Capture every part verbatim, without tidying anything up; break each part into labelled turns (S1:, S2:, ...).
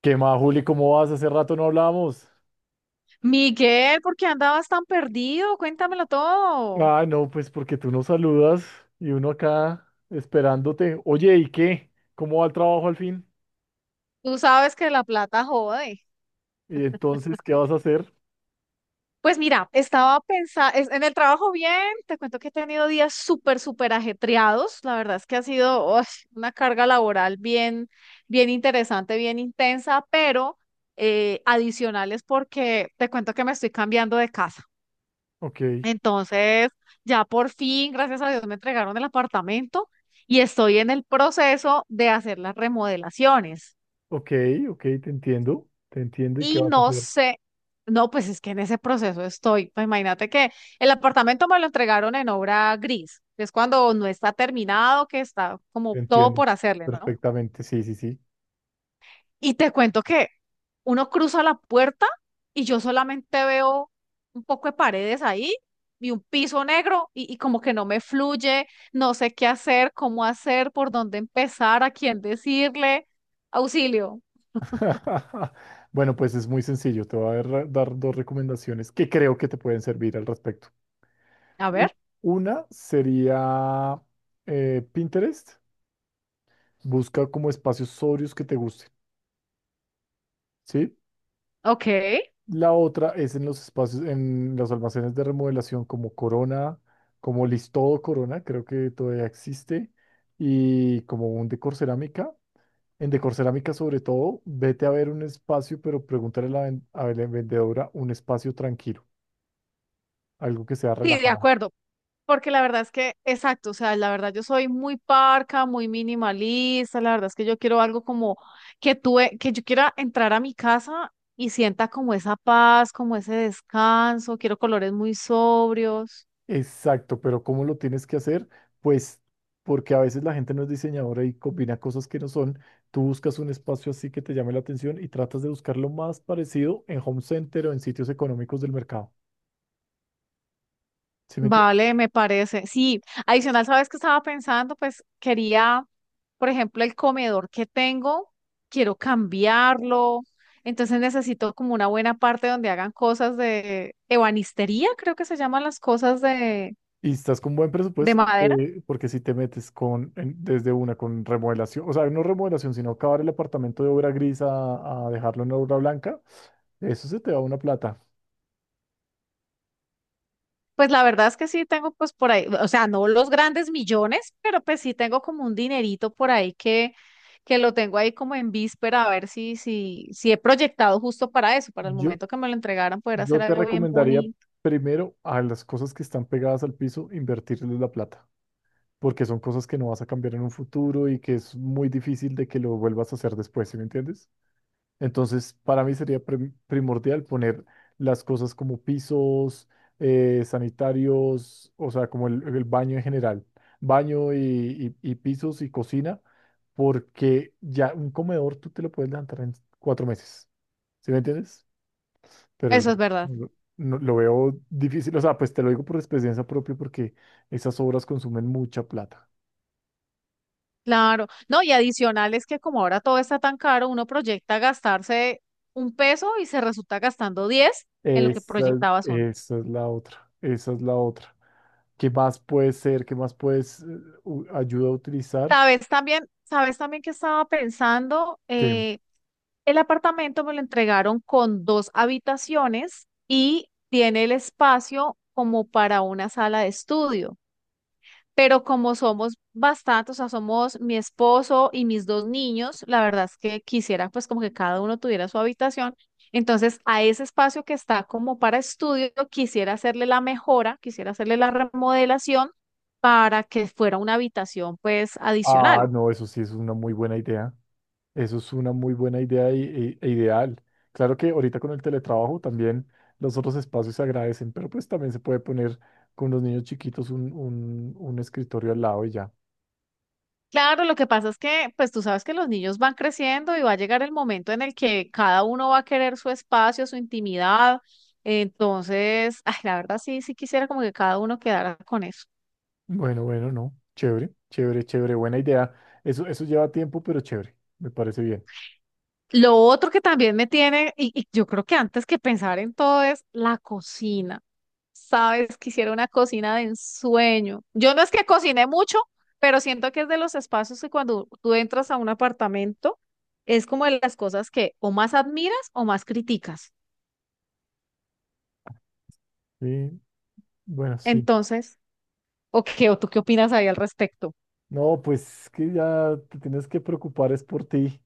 S1: ¿Qué más, Juli? ¿Cómo vas? Hace rato no hablamos.
S2: Miguel, ¿por qué andabas tan perdido? Cuéntamelo todo.
S1: Ah, no, pues porque tú nos saludas y uno acá esperándote. Oye, ¿y qué? ¿Cómo va el trabajo al fin?
S2: Tú sabes que la plata jode.
S1: ¿Y entonces qué vas a hacer?
S2: Pues mira, estaba pensando, en el trabajo bien, te cuento que he tenido días súper, súper ajetreados. La verdad es que ha sido uy, una carga laboral bien, bien interesante, bien intensa, pero eh, adicional es porque te cuento que me estoy cambiando de casa.
S1: Ok,
S2: Entonces, ya por fin, gracias a Dios, me entregaron el apartamento y estoy en el proceso de hacer las remodelaciones.
S1: ok, ok, te entiendo, te entiendo. ¿Y qué
S2: Y
S1: vas a
S2: no
S1: hacer?
S2: sé, no, pues es que en ese proceso estoy. Pues imagínate que el apartamento me lo entregaron en obra gris, que es cuando no está terminado, que está
S1: Te
S2: como todo
S1: entiendo
S2: por hacerle, ¿no?
S1: perfectamente, sí, sí, sí.
S2: Y te cuento que uno cruza la puerta y yo solamente veo un poco de paredes ahí y un piso negro y, y como que no me fluye, no sé qué hacer, cómo hacer, por dónde empezar, a quién decirle, auxilio.
S1: Bueno, pues es muy sencillo. Te voy a dar dar dos recomendaciones que creo que te pueden servir al respecto.
S2: A
S1: U-
S2: ver,
S1: Una sería eh, Pinterest. Busca como espacios sobrios que te gusten, ¿sí?
S2: ok,
S1: La otra es en los espacios, en los almacenes de remodelación como Corona, como Listodo Corona, creo que todavía existe, y como un Decor Cerámica. En Decor Cerámica, sobre todo, vete a ver un espacio, pero pregúntale a la, ven- a la vendedora un espacio tranquilo, algo que sea
S2: sí, de
S1: relajado.
S2: acuerdo. Porque la verdad es que, exacto, o sea, la verdad yo soy muy parca, muy minimalista, la verdad es que yo quiero algo como que tuve, que yo quiera entrar a mi casa y sienta como esa paz, como ese descanso, quiero colores muy sobrios.
S1: Exacto, pero ¿cómo lo tienes que hacer? Pues porque a veces la gente no es diseñadora y combina cosas que no son. Tú buscas un espacio así que te llame la atención y tratas de buscar lo más parecido en home center o en sitios económicos del mercado. ¿Sí me entiendes?
S2: Vale, me parece. Sí, adicional, ¿sabes qué estaba pensando? Pues quería, por ejemplo, el comedor que tengo, quiero cambiarlo. Entonces necesito como una buena parte donde hagan cosas de ebanistería, creo que se llaman las cosas de
S1: Y estás con buen
S2: de
S1: presupuesto,
S2: madera.
S1: eh, porque si te metes con, en- desde una con remodelación, o sea, no remodelación, sino acabar el apartamento de obra gris a, a dejarlo en obra blanca, eso se te va una plata.
S2: Pues la verdad es que sí tengo pues por ahí, o sea, no los grandes millones, pero pues sí tengo como un dinerito por ahí que, que lo tengo ahí como en víspera a ver si, si, si he proyectado justo para eso, para el
S1: Yo,
S2: momento que me lo entregaran poder
S1: Yo
S2: hacer
S1: te Claro.
S2: algo bien
S1: recomendaría
S2: bonito.
S1: primero a las cosas que están pegadas al piso, invertirles la plata, porque son cosas que no vas a cambiar en un futuro y que es muy difícil de que lo vuelvas a hacer después, ¿sí me entiendes? Entonces, para mí sería prim- primordial poner las cosas como pisos, eh, sanitarios, o sea, como el, el baño en general, baño y, y- y pisos y cocina, porque ya un comedor tú te lo puedes levantar en cuatro meses, ¿sí me entiendes? Pero el
S2: Eso es
S1: resto
S2: verdad.
S1: no- no- lo veo difícil. O sea, pues te lo digo por experiencia propia porque esas obras consumen mucha plata.
S2: Claro. No, y adicional es que como ahora todo está tan caro, uno proyecta gastarse un peso y se resulta gastando diez en lo que
S1: Esa, es-
S2: proyectabas uno.
S1: Esa es la otra, esa es la otra. ¿Qué más puede ser? ¿Qué más puedes eh, u- ayuda a utilizar?
S2: Sabes también, sabes también que estaba pensando.
S1: Que,
S2: Eh, El apartamento me lo entregaron con dos habitaciones y tiene el espacio como para una sala de estudio. Pero como somos bastantes, o sea, somos mi esposo y mis dos niños, la verdad es que quisiera pues como que cada uno tuviera su habitación. Entonces, a ese espacio que está como para estudio, quisiera hacerle la mejora, quisiera hacerle la remodelación para que fuera una habitación pues
S1: ah,
S2: adicional.
S1: no, eso sí es una muy buena idea. Eso es una muy buena idea y- e e ideal. Claro que ahorita con el teletrabajo también los otros espacios se agradecen, pero pues también se puede poner con los niños chiquitos un, un, un escritorio al lado y ya.
S2: Claro, lo que pasa es que, pues tú sabes que los niños van creciendo y va a llegar el momento en el que cada uno va a querer su espacio, su intimidad. Entonces, ay, la verdad sí, sí quisiera como que cada uno quedara con eso.
S1: Bueno, bueno, no. Chévere, chévere, chévere. Buena idea. Eso, eso lleva tiempo, pero chévere. Me parece bien.
S2: Lo otro que también me tiene, y, y yo creo que antes que pensar en todo es la cocina. Sabes, quisiera una cocina de ensueño. Yo no es que cocine mucho, pero siento que es de los espacios que cuando tú entras a un apartamento es como de las cosas que o más admiras o más criticas.
S1: Sí, bueno, sí.
S2: Entonces, ¿o qué? ¿O tú qué opinas ahí al respecto?
S1: No, pues que ya te tienes que preocupar es por ti,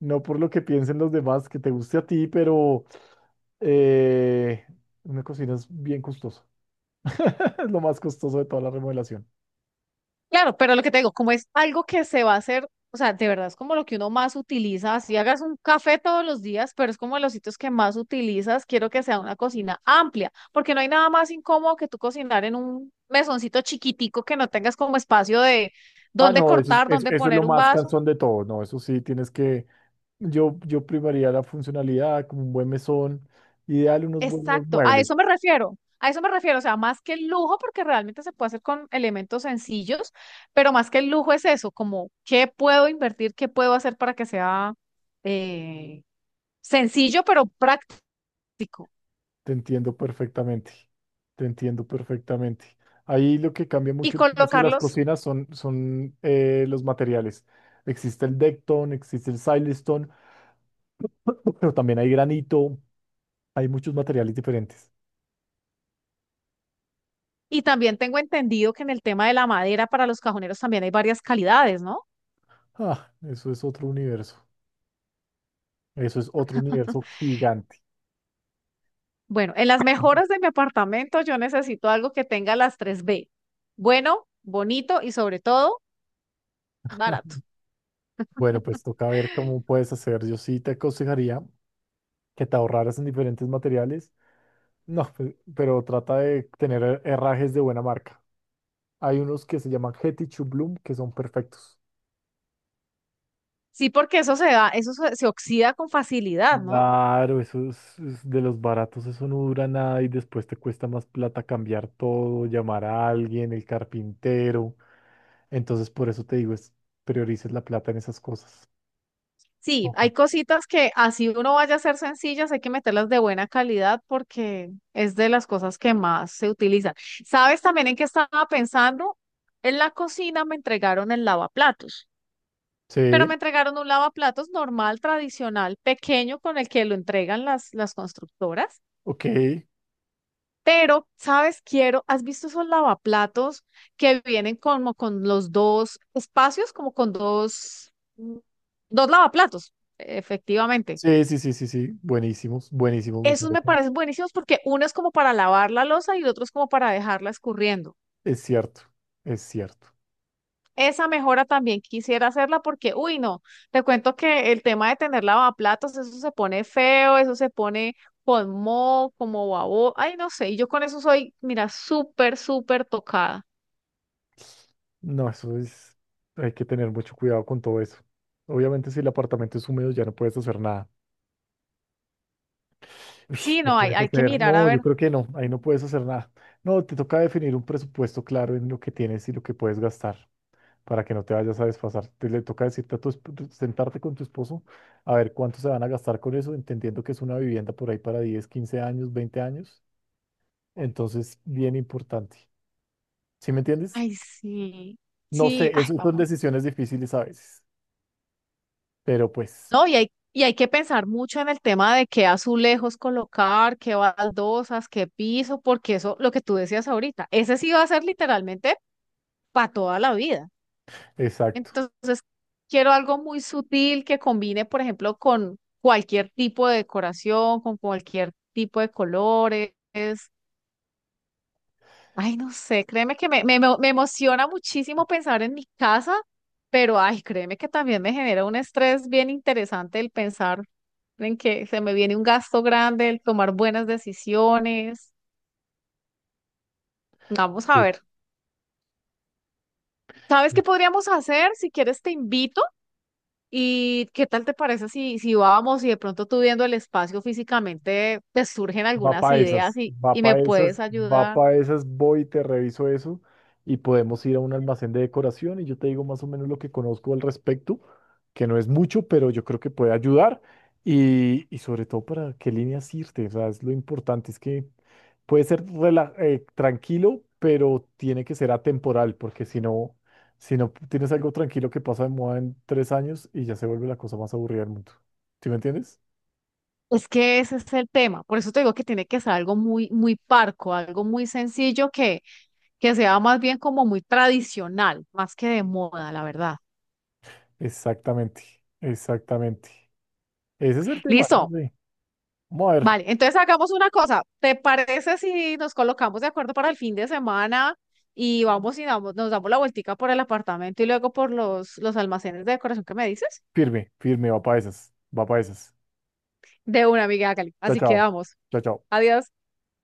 S1: no por lo que piensen los demás, que te guste a ti, pero eh, una cocina es bien costosa. Es lo más costoso de toda la remodelación.
S2: Claro, pero lo que te digo, como es algo que se va a hacer, o sea, de verdad es como lo que uno más utiliza, si hagas un café todos los días, pero es como de los sitios que más utilizas, quiero que sea una cocina amplia, porque no hay nada más incómodo que tú cocinar en un mesoncito chiquitico que no tengas como espacio de
S1: Ah,
S2: dónde
S1: no, eso es,
S2: cortar,
S1: eso,
S2: dónde
S1: eso es lo
S2: poner un
S1: más
S2: vaso.
S1: cansón de todo. No, eso sí, tienes que... Yo, yo primaría la funcionalidad, como un buen mesón, ideal unos buenos
S2: Exacto, a
S1: muebles.
S2: eso me refiero, a eso me refiero, o sea, más que el lujo, porque realmente se puede hacer con elementos sencillos, pero más que el lujo es eso, como qué puedo invertir, qué puedo hacer para que sea eh, sencillo, pero práctico.
S1: Te entiendo perfectamente, te entiendo perfectamente. Ahí lo que cambia
S2: Y
S1: mucho el precio de las
S2: colocarlos,
S1: cocinas son, son eh, los materiales. Existe el Decton, existe el Silestone, pero también hay granito, hay muchos materiales diferentes.
S2: y también tengo entendido que en el tema de la madera para los cajoneros también hay varias calidades, ¿no?
S1: Ah, eso es otro universo, eso es otro universo gigante.
S2: Bueno, en las mejoras de mi apartamento yo necesito algo que tenga las tres b: bueno, bonito y sobre todo barato.
S1: Bueno, pues toca ver cómo puedes hacer. Yo sí te aconsejaría que te ahorraras en diferentes materiales, no, pe- pero trata de tener herrajes de buena marca. Hay unos que se llaman Hettich Bloom que son perfectos.
S2: Sí, porque eso se da, eso se, se oxida con facilidad, ¿no?
S1: Claro, esos, es- de los baratos, eso no dura nada y después te cuesta más plata cambiar todo, llamar a alguien, el carpintero. Entonces, por eso te digo, es, priorices la plata en esas cosas.
S2: Sí,
S1: Ok.
S2: hay cositas que así uno vaya a ser sencillas, hay que meterlas de buena calidad porque es de las cosas que más se utilizan. ¿Sabes también en qué estaba pensando? En la cocina me entregaron el lavaplatos, pero me
S1: Sí,
S2: entregaron un lavaplatos normal, tradicional, pequeño, con el que lo entregan las, las constructoras.
S1: ok.
S2: Pero, ¿sabes? Quiero, ¿has visto esos lavaplatos que vienen como con los dos espacios, como con dos, mm, dos lavaplatos? Efectivamente.
S1: Sí, sí, sí, sí, sí. Buenísimos, buenísimos me
S2: Esos me
S1: parecen.
S2: parecen buenísimos porque uno es como para lavar la losa y el otro es como para dejarla escurriendo.
S1: Es cierto, es cierto.
S2: Esa mejora también quisiera hacerla porque, uy, no, te cuento que el tema de tener lavaplatos, eso se pone feo, eso se pone con moho, como babo, ay, no sé, y yo con eso soy, mira, súper, súper tocada.
S1: No, eso es, hay que tener mucho cuidado con todo eso. Obviamente, si el apartamento es húmedo, ya no puedes hacer nada. Uy,
S2: Sí,
S1: ¿qué
S2: no, hay,
S1: puedes
S2: hay que
S1: hacer?
S2: mirar a
S1: No, yo
S2: ver.
S1: creo que no, ahí no puedes hacer nada. No, te toca definir un presupuesto claro en lo que tienes y lo que puedes gastar para que no te vayas a desfasar. Te le toca decirte a tu, esp- sentarte con tu esposo a ver cuánto se van a gastar con eso, entendiendo que es una vivienda por ahí para diez, quince años, veinte años. Entonces, bien importante. ¿Sí me entiendes?
S2: Ay, sí,
S1: No
S2: sí,
S1: sé,
S2: ay,
S1: eso son
S2: vamos.
S1: decisiones difíciles a veces, pero pues,
S2: No, y hay, y hay que pensar mucho en el tema de qué azulejos colocar, qué baldosas, qué piso, porque eso, lo que tú decías ahorita, ese sí va a ser literalmente para toda la vida.
S1: exacto.
S2: Entonces, quiero algo muy sutil que combine, por ejemplo, con cualquier tipo de decoración, con cualquier tipo de colores. Ay, no sé, créeme que me, me, emo- me emociona muchísimo pensar en mi casa, pero ay, créeme que también me genera un estrés bien interesante el pensar en que se me viene un gasto grande, el tomar buenas decisiones. Vamos a
S1: Sí.
S2: ver. ¿Sabes qué podríamos hacer? Si quieres, te invito. ¿Y qué tal te parece si, si vamos y de pronto tú viendo el espacio físicamente te surgen
S1: Va
S2: algunas
S1: para
S2: ideas
S1: esas,
S2: y,
S1: va
S2: y me
S1: para esas,
S2: puedes
S1: va
S2: ayudar?
S1: para esas, voy y te reviso eso y podemos ir a un almacén de decoración y yo te digo más o menos lo que conozco al respecto, que no es mucho, pero yo creo que puede ayudar y, y sobre todo para qué líneas irte, o sea, es lo importante, es que puede ser rela- eh, tranquilo, pero tiene que ser atemporal, porque si no, si no tienes algo tranquilo que pasa de moda en tres años y ya se vuelve la cosa más aburrida del mundo. ¿Sí me entiendes?
S2: Es que ese es el tema. Por eso te digo que tiene que ser algo muy, muy parco, algo muy sencillo que, que sea más bien como muy tradicional, más que de moda, la verdad.
S1: Exactamente, exactamente. Ese es el tema, ¿no?
S2: Listo.
S1: Sí. Vamos a ver.
S2: Vale, entonces hagamos una cosa. ¿Te parece si nos colocamos de acuerdo para el fin de semana y vamos y damos- nos damos la vueltica por el apartamento y luego por los, los almacenes de decoración que me dices?
S1: Firme, firme, va para esas. Va para esas.
S2: De una amiga, Cali.
S1: Chao,
S2: Así
S1: chao.
S2: quedamos.
S1: Chao, chao.
S2: Adiós.